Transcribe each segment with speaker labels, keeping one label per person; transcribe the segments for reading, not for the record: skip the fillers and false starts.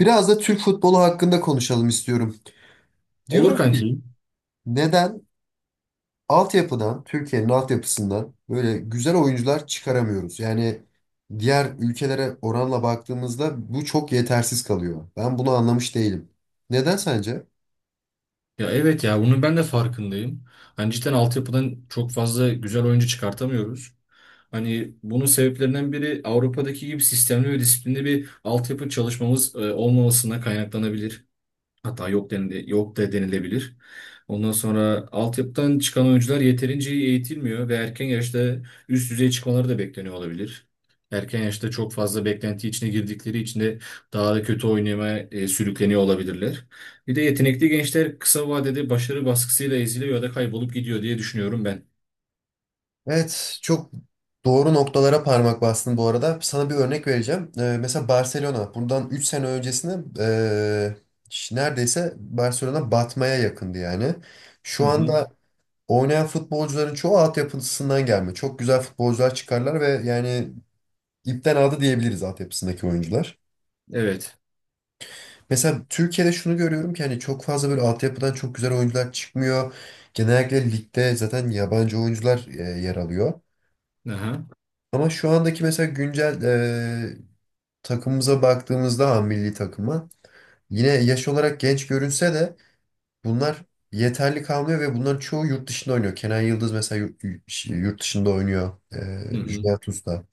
Speaker 1: Biraz da Türk futbolu hakkında konuşalım istiyorum.
Speaker 2: Olur
Speaker 1: Diyorum ki
Speaker 2: kanki.
Speaker 1: neden altyapıdan, Türkiye'nin altyapısından böyle güzel oyuncular çıkaramıyoruz? Yani diğer ülkelere oranla baktığımızda bu çok yetersiz kalıyor. Ben bunu anlamış değilim. Neden sence?
Speaker 2: Ya evet ya bunun ben de farkındayım. Hani cidden altyapıdan çok fazla güzel oyuncu çıkartamıyoruz. Hani bunun sebeplerinden biri Avrupa'daki gibi sistemli ve disiplinli bir altyapı çalışmamız olmamasına kaynaklanabilir. Hatta yok da denilebilir. Ondan sonra altyapıdan çıkan oyuncular yeterince iyi eğitilmiyor ve erken yaşta üst düzey çıkmaları da bekleniyor olabilir. Erken yaşta çok fazla beklenti içine girdikleri için de daha da kötü oynamaya sürükleniyor olabilirler. Bir de yetenekli gençler kısa vadede başarı baskısıyla eziliyor ya da kaybolup gidiyor diye düşünüyorum ben.
Speaker 1: Evet, çok doğru noktalara parmak bastın bu arada. Sana bir örnek vereceğim. Mesela Barcelona bundan 3 sene öncesinde ee, neredeyse Barcelona batmaya yakındı yani.
Speaker 2: Hı
Speaker 1: Şu
Speaker 2: hı.
Speaker 1: anda oynayan futbolcuların çoğu altyapısından gelme. Çok güzel futbolcular çıkarlar ve yani ipten aldı diyebiliriz altyapısındaki oyuncular.
Speaker 2: Evet.
Speaker 1: Mesela Türkiye'de şunu görüyorum ki hani çok fazla böyle altyapıdan çok güzel oyuncular çıkmıyor. Genellikle ligde zaten yabancı oyuncular yer alıyor.
Speaker 2: Aha.
Speaker 1: Ama şu andaki mesela güncel takımımıza baktığımızda ha, milli takıma yine yaş olarak genç görünse de bunlar yeterli kalmıyor ve bunların çoğu yurt dışında oynuyor. Kenan Yıldız mesela yurt dışında oynuyor.
Speaker 2: Hı hı.
Speaker 1: Juventus'ta.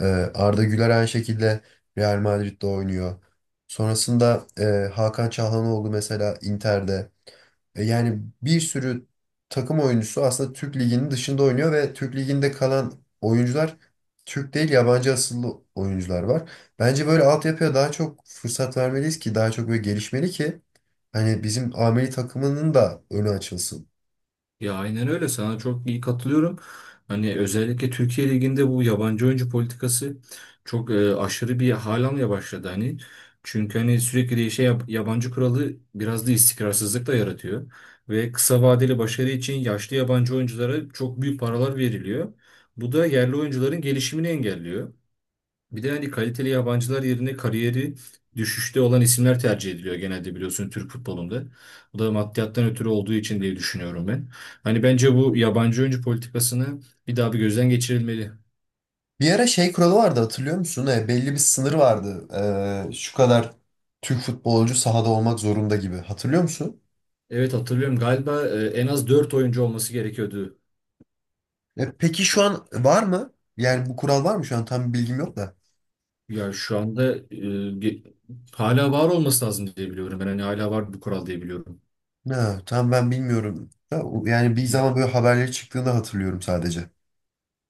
Speaker 1: Ee, Arda Güler aynı şekilde Real Madrid'de oynuyor. Sonrasında Hakan Çalhanoğlu mesela Inter'de. Yani bir sürü takım oyuncusu aslında Türk Ligi'nin dışında oynuyor ve Türk Ligi'nde kalan oyuncular Türk değil yabancı asıllı oyuncular var. Bence böyle altyapıya daha çok fırsat vermeliyiz ki daha çok böyle gelişmeli ki hani bizim ameli takımının da önü açılsın.
Speaker 2: Ya aynen öyle, sana çok iyi katılıyorum. Hani özellikle Türkiye Ligi'nde bu yabancı oyuncu politikası çok aşırı bir hal almaya başladı hani. Çünkü hani sürekli değişen yabancı kuralı biraz da istikrarsızlık da yaratıyor. Ve kısa vadeli başarı için yaşlı yabancı oyunculara çok büyük paralar veriliyor. Bu da yerli oyuncuların gelişimini engelliyor. Bir de hani kaliteli yabancılar yerine kariyeri düşüşte olan isimler tercih ediliyor genelde, biliyorsun, Türk futbolunda. Bu da maddiyattan ötürü olduğu için diye düşünüyorum ben. Hani bence bu yabancı oyuncu politikasını bir daha bir gözden geçirilmeli.
Speaker 1: Bir ara şey kuralı vardı hatırlıyor musun? Belli bir sınır vardı. Şu kadar Türk futbolcu sahada olmak zorunda gibi. Hatırlıyor musun?
Speaker 2: Evet, hatırlıyorum galiba, en az 4 oyuncu olması gerekiyordu.
Speaker 1: Peki şu an var mı? Yani bu kural var mı şu an? Tam bir bilgim yok da.
Speaker 2: Ya şu anda ge- hala var olması lazım diye biliyorum. Ben hani hala var bu kural diye biliyorum.
Speaker 1: Ha, tam ben bilmiyorum. Ha, yani bir
Speaker 2: Hı.
Speaker 1: zaman böyle haberleri çıktığını hatırlıyorum sadece.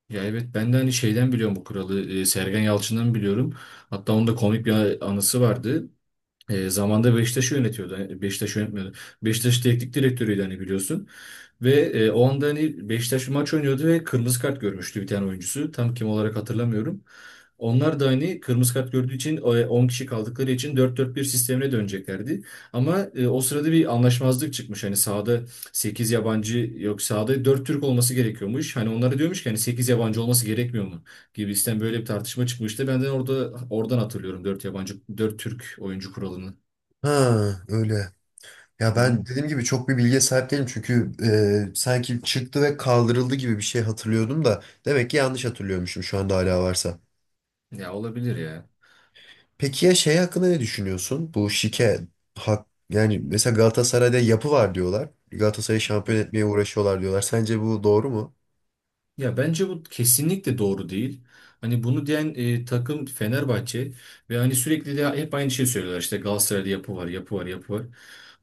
Speaker 2: Ya evet, ben de hani şeyden biliyorum bu kuralı. Sergen Yalçın'dan biliyorum. Hatta onda komik bir anısı vardı. Zamanda Beşiktaş'ı yönetiyordu. Hani Beşiktaş yönetmiyordu. Beşiktaş teknik direktörüydü hani, biliyorsun. Ve o anda hani Beşiktaş bir maç oynuyordu ve kırmızı kart görmüştü bir tane oyuncusu. Tam kim olarak hatırlamıyorum. Onlar da hani kırmızı kart gördüğü için 10 kişi kaldıkları için dört dört bir sistemine döneceklerdi. Ama o sırada bir anlaşmazlık çıkmış. Hani sahada 8 yabancı yok, sahada 4 Türk olması gerekiyormuş. Hani onlara diyormuş ki hani 8 yabancı olması gerekmiyor mu? Gibisinden böyle bir tartışma çıkmıştı. Ben de orada oradan hatırlıyorum dört yabancı dört Türk oyuncu kuralını.
Speaker 1: Ha, öyle. Ya
Speaker 2: Hı hı.
Speaker 1: ben dediğim gibi çok bir bilgiye sahip değilim çünkü sanki çıktı ve kaldırıldı gibi bir şey hatırlıyordum da demek ki yanlış hatırlıyormuşum şu anda hala varsa.
Speaker 2: Ya olabilir ya.
Speaker 1: Peki ya şey hakkında ne düşünüyorsun? Bu şike hak yani mesela Galatasaray'da yapı var diyorlar. Galatasaray'ı şampiyon etmeye uğraşıyorlar diyorlar. Sence bu doğru mu?
Speaker 2: Ya bence bu kesinlikle doğru değil. Hani bunu diyen takım Fenerbahçe ve hani sürekli de hep aynı şeyi söylüyorlar. İşte Galatasaray'da yapı var, yapı var, yapı var.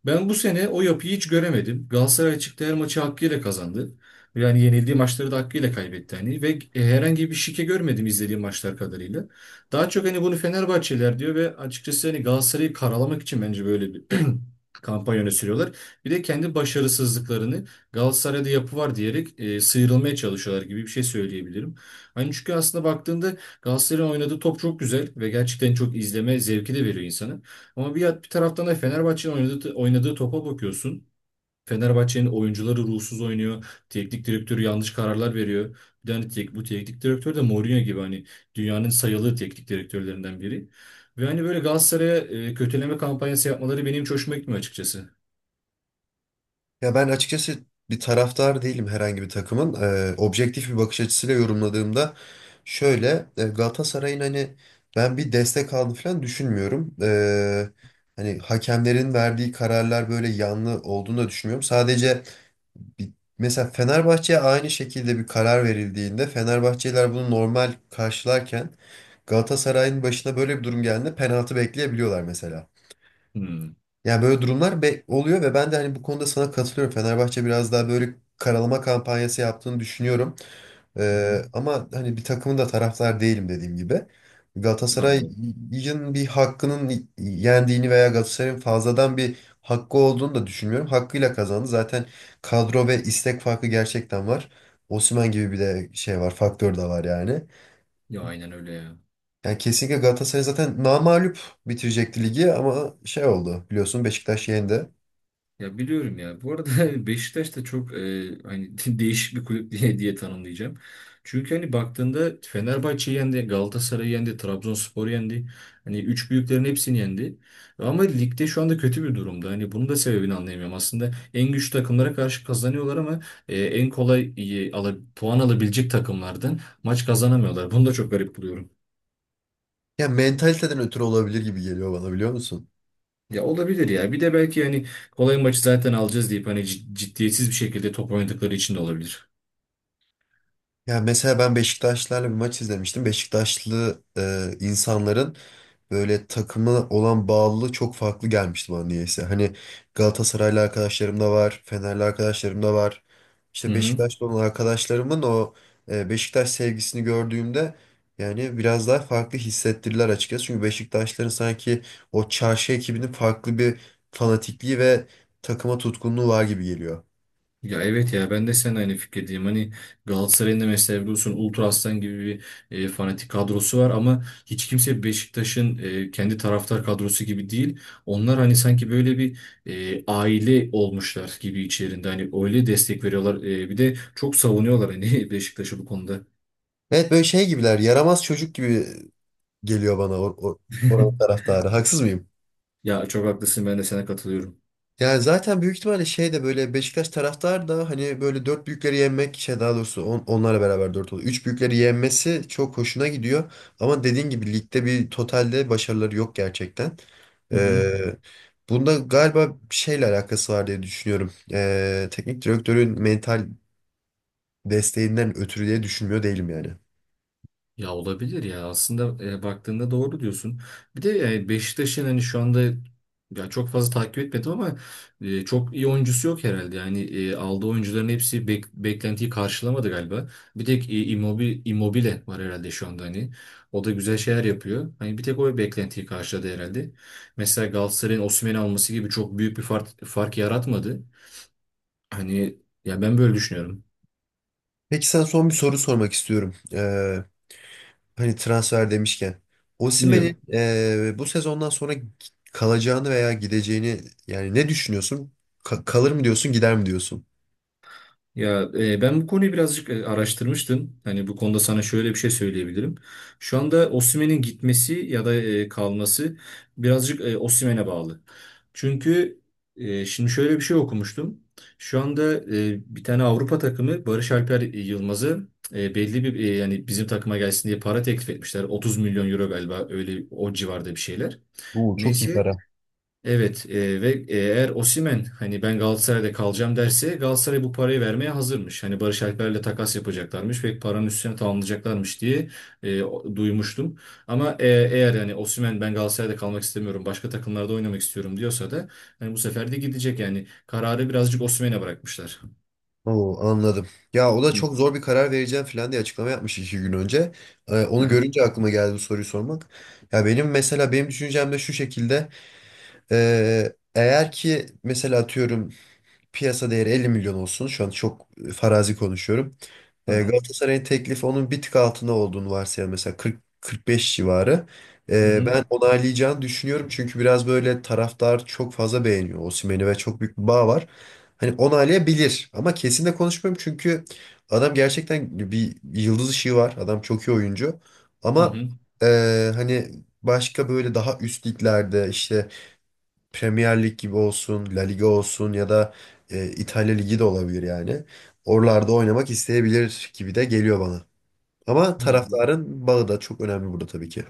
Speaker 2: Ben bu sene o yapıyı hiç göremedim. Galatasaray çıktı, her maçı hakkıyla kazandı. Yani yenildiği maçları da hakkıyla kaybetti hani ve herhangi bir şike görmedim izlediğim maçlar kadarıyla. Daha çok hani bunu Fenerbahçeliler diyor ve açıkçası hani Galatasaray'ı karalamak için bence böyle bir kampanya öne sürüyorlar. Bir de kendi başarısızlıklarını Galatasaray'da yapı var diyerek sıyrılmaya çalışıyorlar gibi bir şey söyleyebilirim. Hani çünkü aslında baktığında Galatasaray'ın oynadığı top çok güzel ve gerçekten çok izleme zevki de veriyor insana. Ama bir taraftan da Fenerbahçe'nin oynadığı topa bakıyorsun. Fenerbahçe'nin oyuncuları ruhsuz oynuyor. Teknik direktörü yanlış kararlar veriyor. Bu teknik direktör de Mourinho gibi hani dünyanın sayılı teknik direktörlerinden biri. Ve hani böyle Galatasaray'a kötüleme kampanyası yapmaları benim hiç hoşuma gitmiyor açıkçası.
Speaker 1: Ya ben açıkçası bir taraftar değilim herhangi bir takımın. Objektif bir bakış açısıyla yorumladığımda şöyle Galatasaray'ın hani ben bir destek aldığını falan düşünmüyorum. Hani hakemlerin verdiği kararlar böyle yanlı olduğunu da düşünmüyorum. Sadece bir- mesela Fenerbahçe'ye aynı şekilde bir karar verildiğinde Fenerbahçeliler bunu normal karşılarken Galatasaray'ın başına böyle bir durum geldiğinde penaltı bekleyebiliyorlar mesela.
Speaker 2: Hmm.
Speaker 1: Yani böyle durumlar oluyor ve ben de hani bu konuda sana katılıyorum. Fenerbahçe biraz daha böyle karalama kampanyası yaptığını düşünüyorum.
Speaker 2: Hı hı.
Speaker 1: Ama hani bir takımın da taraftar değilim dediğim gibi. Galatasaray'ın
Speaker 2: Anladım.
Speaker 1: bir hakkının yendiğini veya Galatasaray'ın fazladan bir hakkı olduğunu da düşünmüyorum. Hakkıyla kazandı. Zaten kadro ve istek farkı gerçekten var. Osimhen gibi bir de şey var, faktör de var yani.
Speaker 2: Ya aynen öyle ya.
Speaker 1: Yani kesinlikle Galatasaray zaten namağlup bitirecekti ligi ama şey oldu biliyorsun Beşiktaş yendi.
Speaker 2: Ya biliyorum ya. Bu arada Beşiktaş da çok hani değişik bir kulüp diye diye tanımlayacağım. Çünkü hani baktığında Fenerbahçe yendi, Galatasaray yendi, Trabzonspor yendi. Hani üç büyüklerin hepsini yendi. Ama ligde şu anda kötü bir durumda. Hani bunun da sebebini anlayamıyorum. Aslında en güçlü takımlara karşı kazanıyorlar ama en kolay puan alabilecek takımlardan maç kazanamıyorlar. Bunu da çok garip buluyorum.
Speaker 1: Ya mentaliteden ötürü olabilir gibi geliyor bana biliyor musun?
Speaker 2: Ya olabilir ya. Bir de belki hani kolay maçı zaten alacağız deyip hani ciddiyetsiz bir şekilde top oynadıkları için de olabilir.
Speaker 1: Ya mesela ben Beşiktaşlarla bir maç izlemiştim. Beşiktaşlı insanların böyle takımı olan bağlılığı çok farklı gelmişti bana niyeyse. Hani Galatasaraylı arkadaşlarım da var, Fenerli arkadaşlarım da var.
Speaker 2: Hı
Speaker 1: İşte
Speaker 2: hı.
Speaker 1: Beşiktaşlı olan arkadaşlarımın o Beşiktaş sevgisini gördüğümde yani biraz daha farklı hissettirdiler açıkçası. Çünkü Beşiktaşların sanki o çarşı ekibinin farklı bir fanatikliği ve takıma tutkunluğu var gibi geliyor.
Speaker 2: Ya evet ya, ben de sen aynı fikirdeyim. Hani Galatasaray'ın da mesela biliyorsun Ultra Aslan gibi bir fanatik kadrosu var ama hiç kimse Beşiktaş'ın kendi taraftar kadrosu gibi değil. Onlar hani sanki böyle bir aile olmuşlar gibi içerisinde. Hani öyle destek veriyorlar. Bir de çok savunuyorlar hani Beşiktaş'ı bu konuda.
Speaker 1: Evet, böyle şey gibiler, yaramaz çocuk gibi geliyor bana oranın taraftarı. Haksız mıyım?
Speaker 2: Ya çok haklısın, ben de sana katılıyorum.
Speaker 1: Yani zaten büyük ihtimalle şey de böyle Beşiktaş taraftar da hani böyle dört büyükleri yenmek şey daha doğrusu onlarla beraber dört oluyor. Üç büyükleri yenmesi çok hoşuna gidiyor. Ama dediğin gibi ligde bir totalde başarıları yok gerçekten.
Speaker 2: Hı hı.
Speaker 1: Ee, Bunda galiba bir şeyle alakası var diye düşünüyorum. Teknik direktörün mental desteğinden ötürü diye düşünmüyor değilim yani.
Speaker 2: Ya olabilir ya, aslında baktığında doğru diyorsun. Bir de yani Beşiktaş'ın hani şu anda ya çok fazla takip etmedim ama çok iyi oyuncusu yok herhalde. Yani aldığı oyuncuların hepsi beklentiyi karşılamadı galiba. Bir tek Immobile var herhalde şu anda hani. O da güzel şeyler yapıyor. Hani bir tek o beklentiyi karşıladı herhalde. Mesela Galatasaray'ın Osimhen'i alması gibi çok büyük bir fark yaratmadı. Hani ya ben böyle düşünüyorum.
Speaker 1: Peki sana son bir soru sormak istiyorum. Hani transfer demişken. Osimhen'in
Speaker 2: Bilmiyorum.
Speaker 1: bu sezondan sonra kalacağını veya gideceğini yani ne düşünüyorsun? Kalır mı diyorsun, gider mi diyorsun?
Speaker 2: Ya ben bu konuyu birazcık araştırmıştım. Hani bu konuda sana şöyle bir şey söyleyebilirim. Şu anda Osimhen'in gitmesi ya da kalması birazcık Osimhen'e bağlı. Çünkü şimdi şöyle bir şey okumuştum. Şu anda bir tane Avrupa takımı Barış Alper Yılmaz'ı belli bir yani bizim takıma gelsin diye para teklif etmişler. 30 milyon euro galiba, öyle o civarda bir şeyler.
Speaker 1: Oo, çok iyi
Speaker 2: Neyse.
Speaker 1: para.
Speaker 2: Evet, ve eğer Osimhen hani ben Galatasaray'da kalacağım derse, Galatasaray bu parayı vermeye hazırmış. Hani Barış Alper'le takas yapacaklarmış ve paranın üstüne tamamlayacaklarmış diye duymuştum. Ama eğer hani Osimhen ben Galatasaray'da kalmak istemiyorum başka takımlarda oynamak istiyorum diyorsa da hani bu sefer de gidecek yani, kararı birazcık Osimhen'e bırakmışlar.
Speaker 1: Oo, anladım. Ya o da
Speaker 2: Hı.
Speaker 1: çok zor bir karar vereceğim falan diye açıklama yapmış iki gün önce. Onu
Speaker 2: Aha,
Speaker 1: görünce aklıma geldi bu soruyu sormak. Ya benim mesela benim düşüncem de şu şekilde. Eğer ki mesela atıyorum piyasa değeri 50 milyon olsun. Şu an çok farazi konuşuyorum.
Speaker 2: tamam.
Speaker 1: Galatasaray'ın teklifi onun bir tık altında olduğunu varsayalım. Mesela 40-45 civarı.
Speaker 2: Hı hı.
Speaker 1: Ben onaylayacağını düşünüyorum. Çünkü biraz böyle taraftar çok fazla beğeniyor Osimhen'i ve çok büyük bir bağ var. Hani onaylayabilir ama kesin de konuşmuyorum. Çünkü adam gerçekten bir yıldız ışığı var. Adam çok iyi oyuncu.
Speaker 2: Hı
Speaker 1: Ama
Speaker 2: hı.
Speaker 1: e, hani başka böyle daha üst liglerde işte Premier Lig gibi olsun, La Liga olsun ya da İtalya Ligi de olabilir yani. Oralarda oynamak isteyebilir gibi de geliyor bana. Ama
Speaker 2: Ya.
Speaker 1: taraftarın bağı da çok önemli burada tabii ki.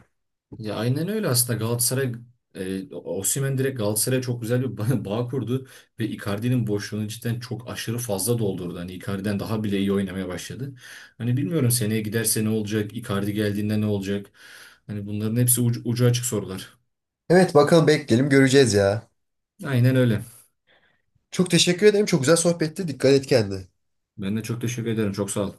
Speaker 2: Ya aynen öyle, aslında Galatasaray Osimhen direkt Galatasaray'a çok güzel bir bağ kurdu ve Icardi'nin boşluğunu cidden çok aşırı fazla doldurdu. Hani Icardi'den daha bile iyi oynamaya başladı. Hani bilmiyorum, seneye giderse ne olacak? Icardi geldiğinde ne olacak? Hani bunların hepsi ucu açık sorular.
Speaker 1: Evet, bakalım bekleyelim göreceğiz ya.
Speaker 2: Aynen öyle.
Speaker 1: Çok teşekkür ederim. Çok güzel sohbetti. Dikkat et kendine.
Speaker 2: Ben de çok teşekkür ederim. Çok sağ ol.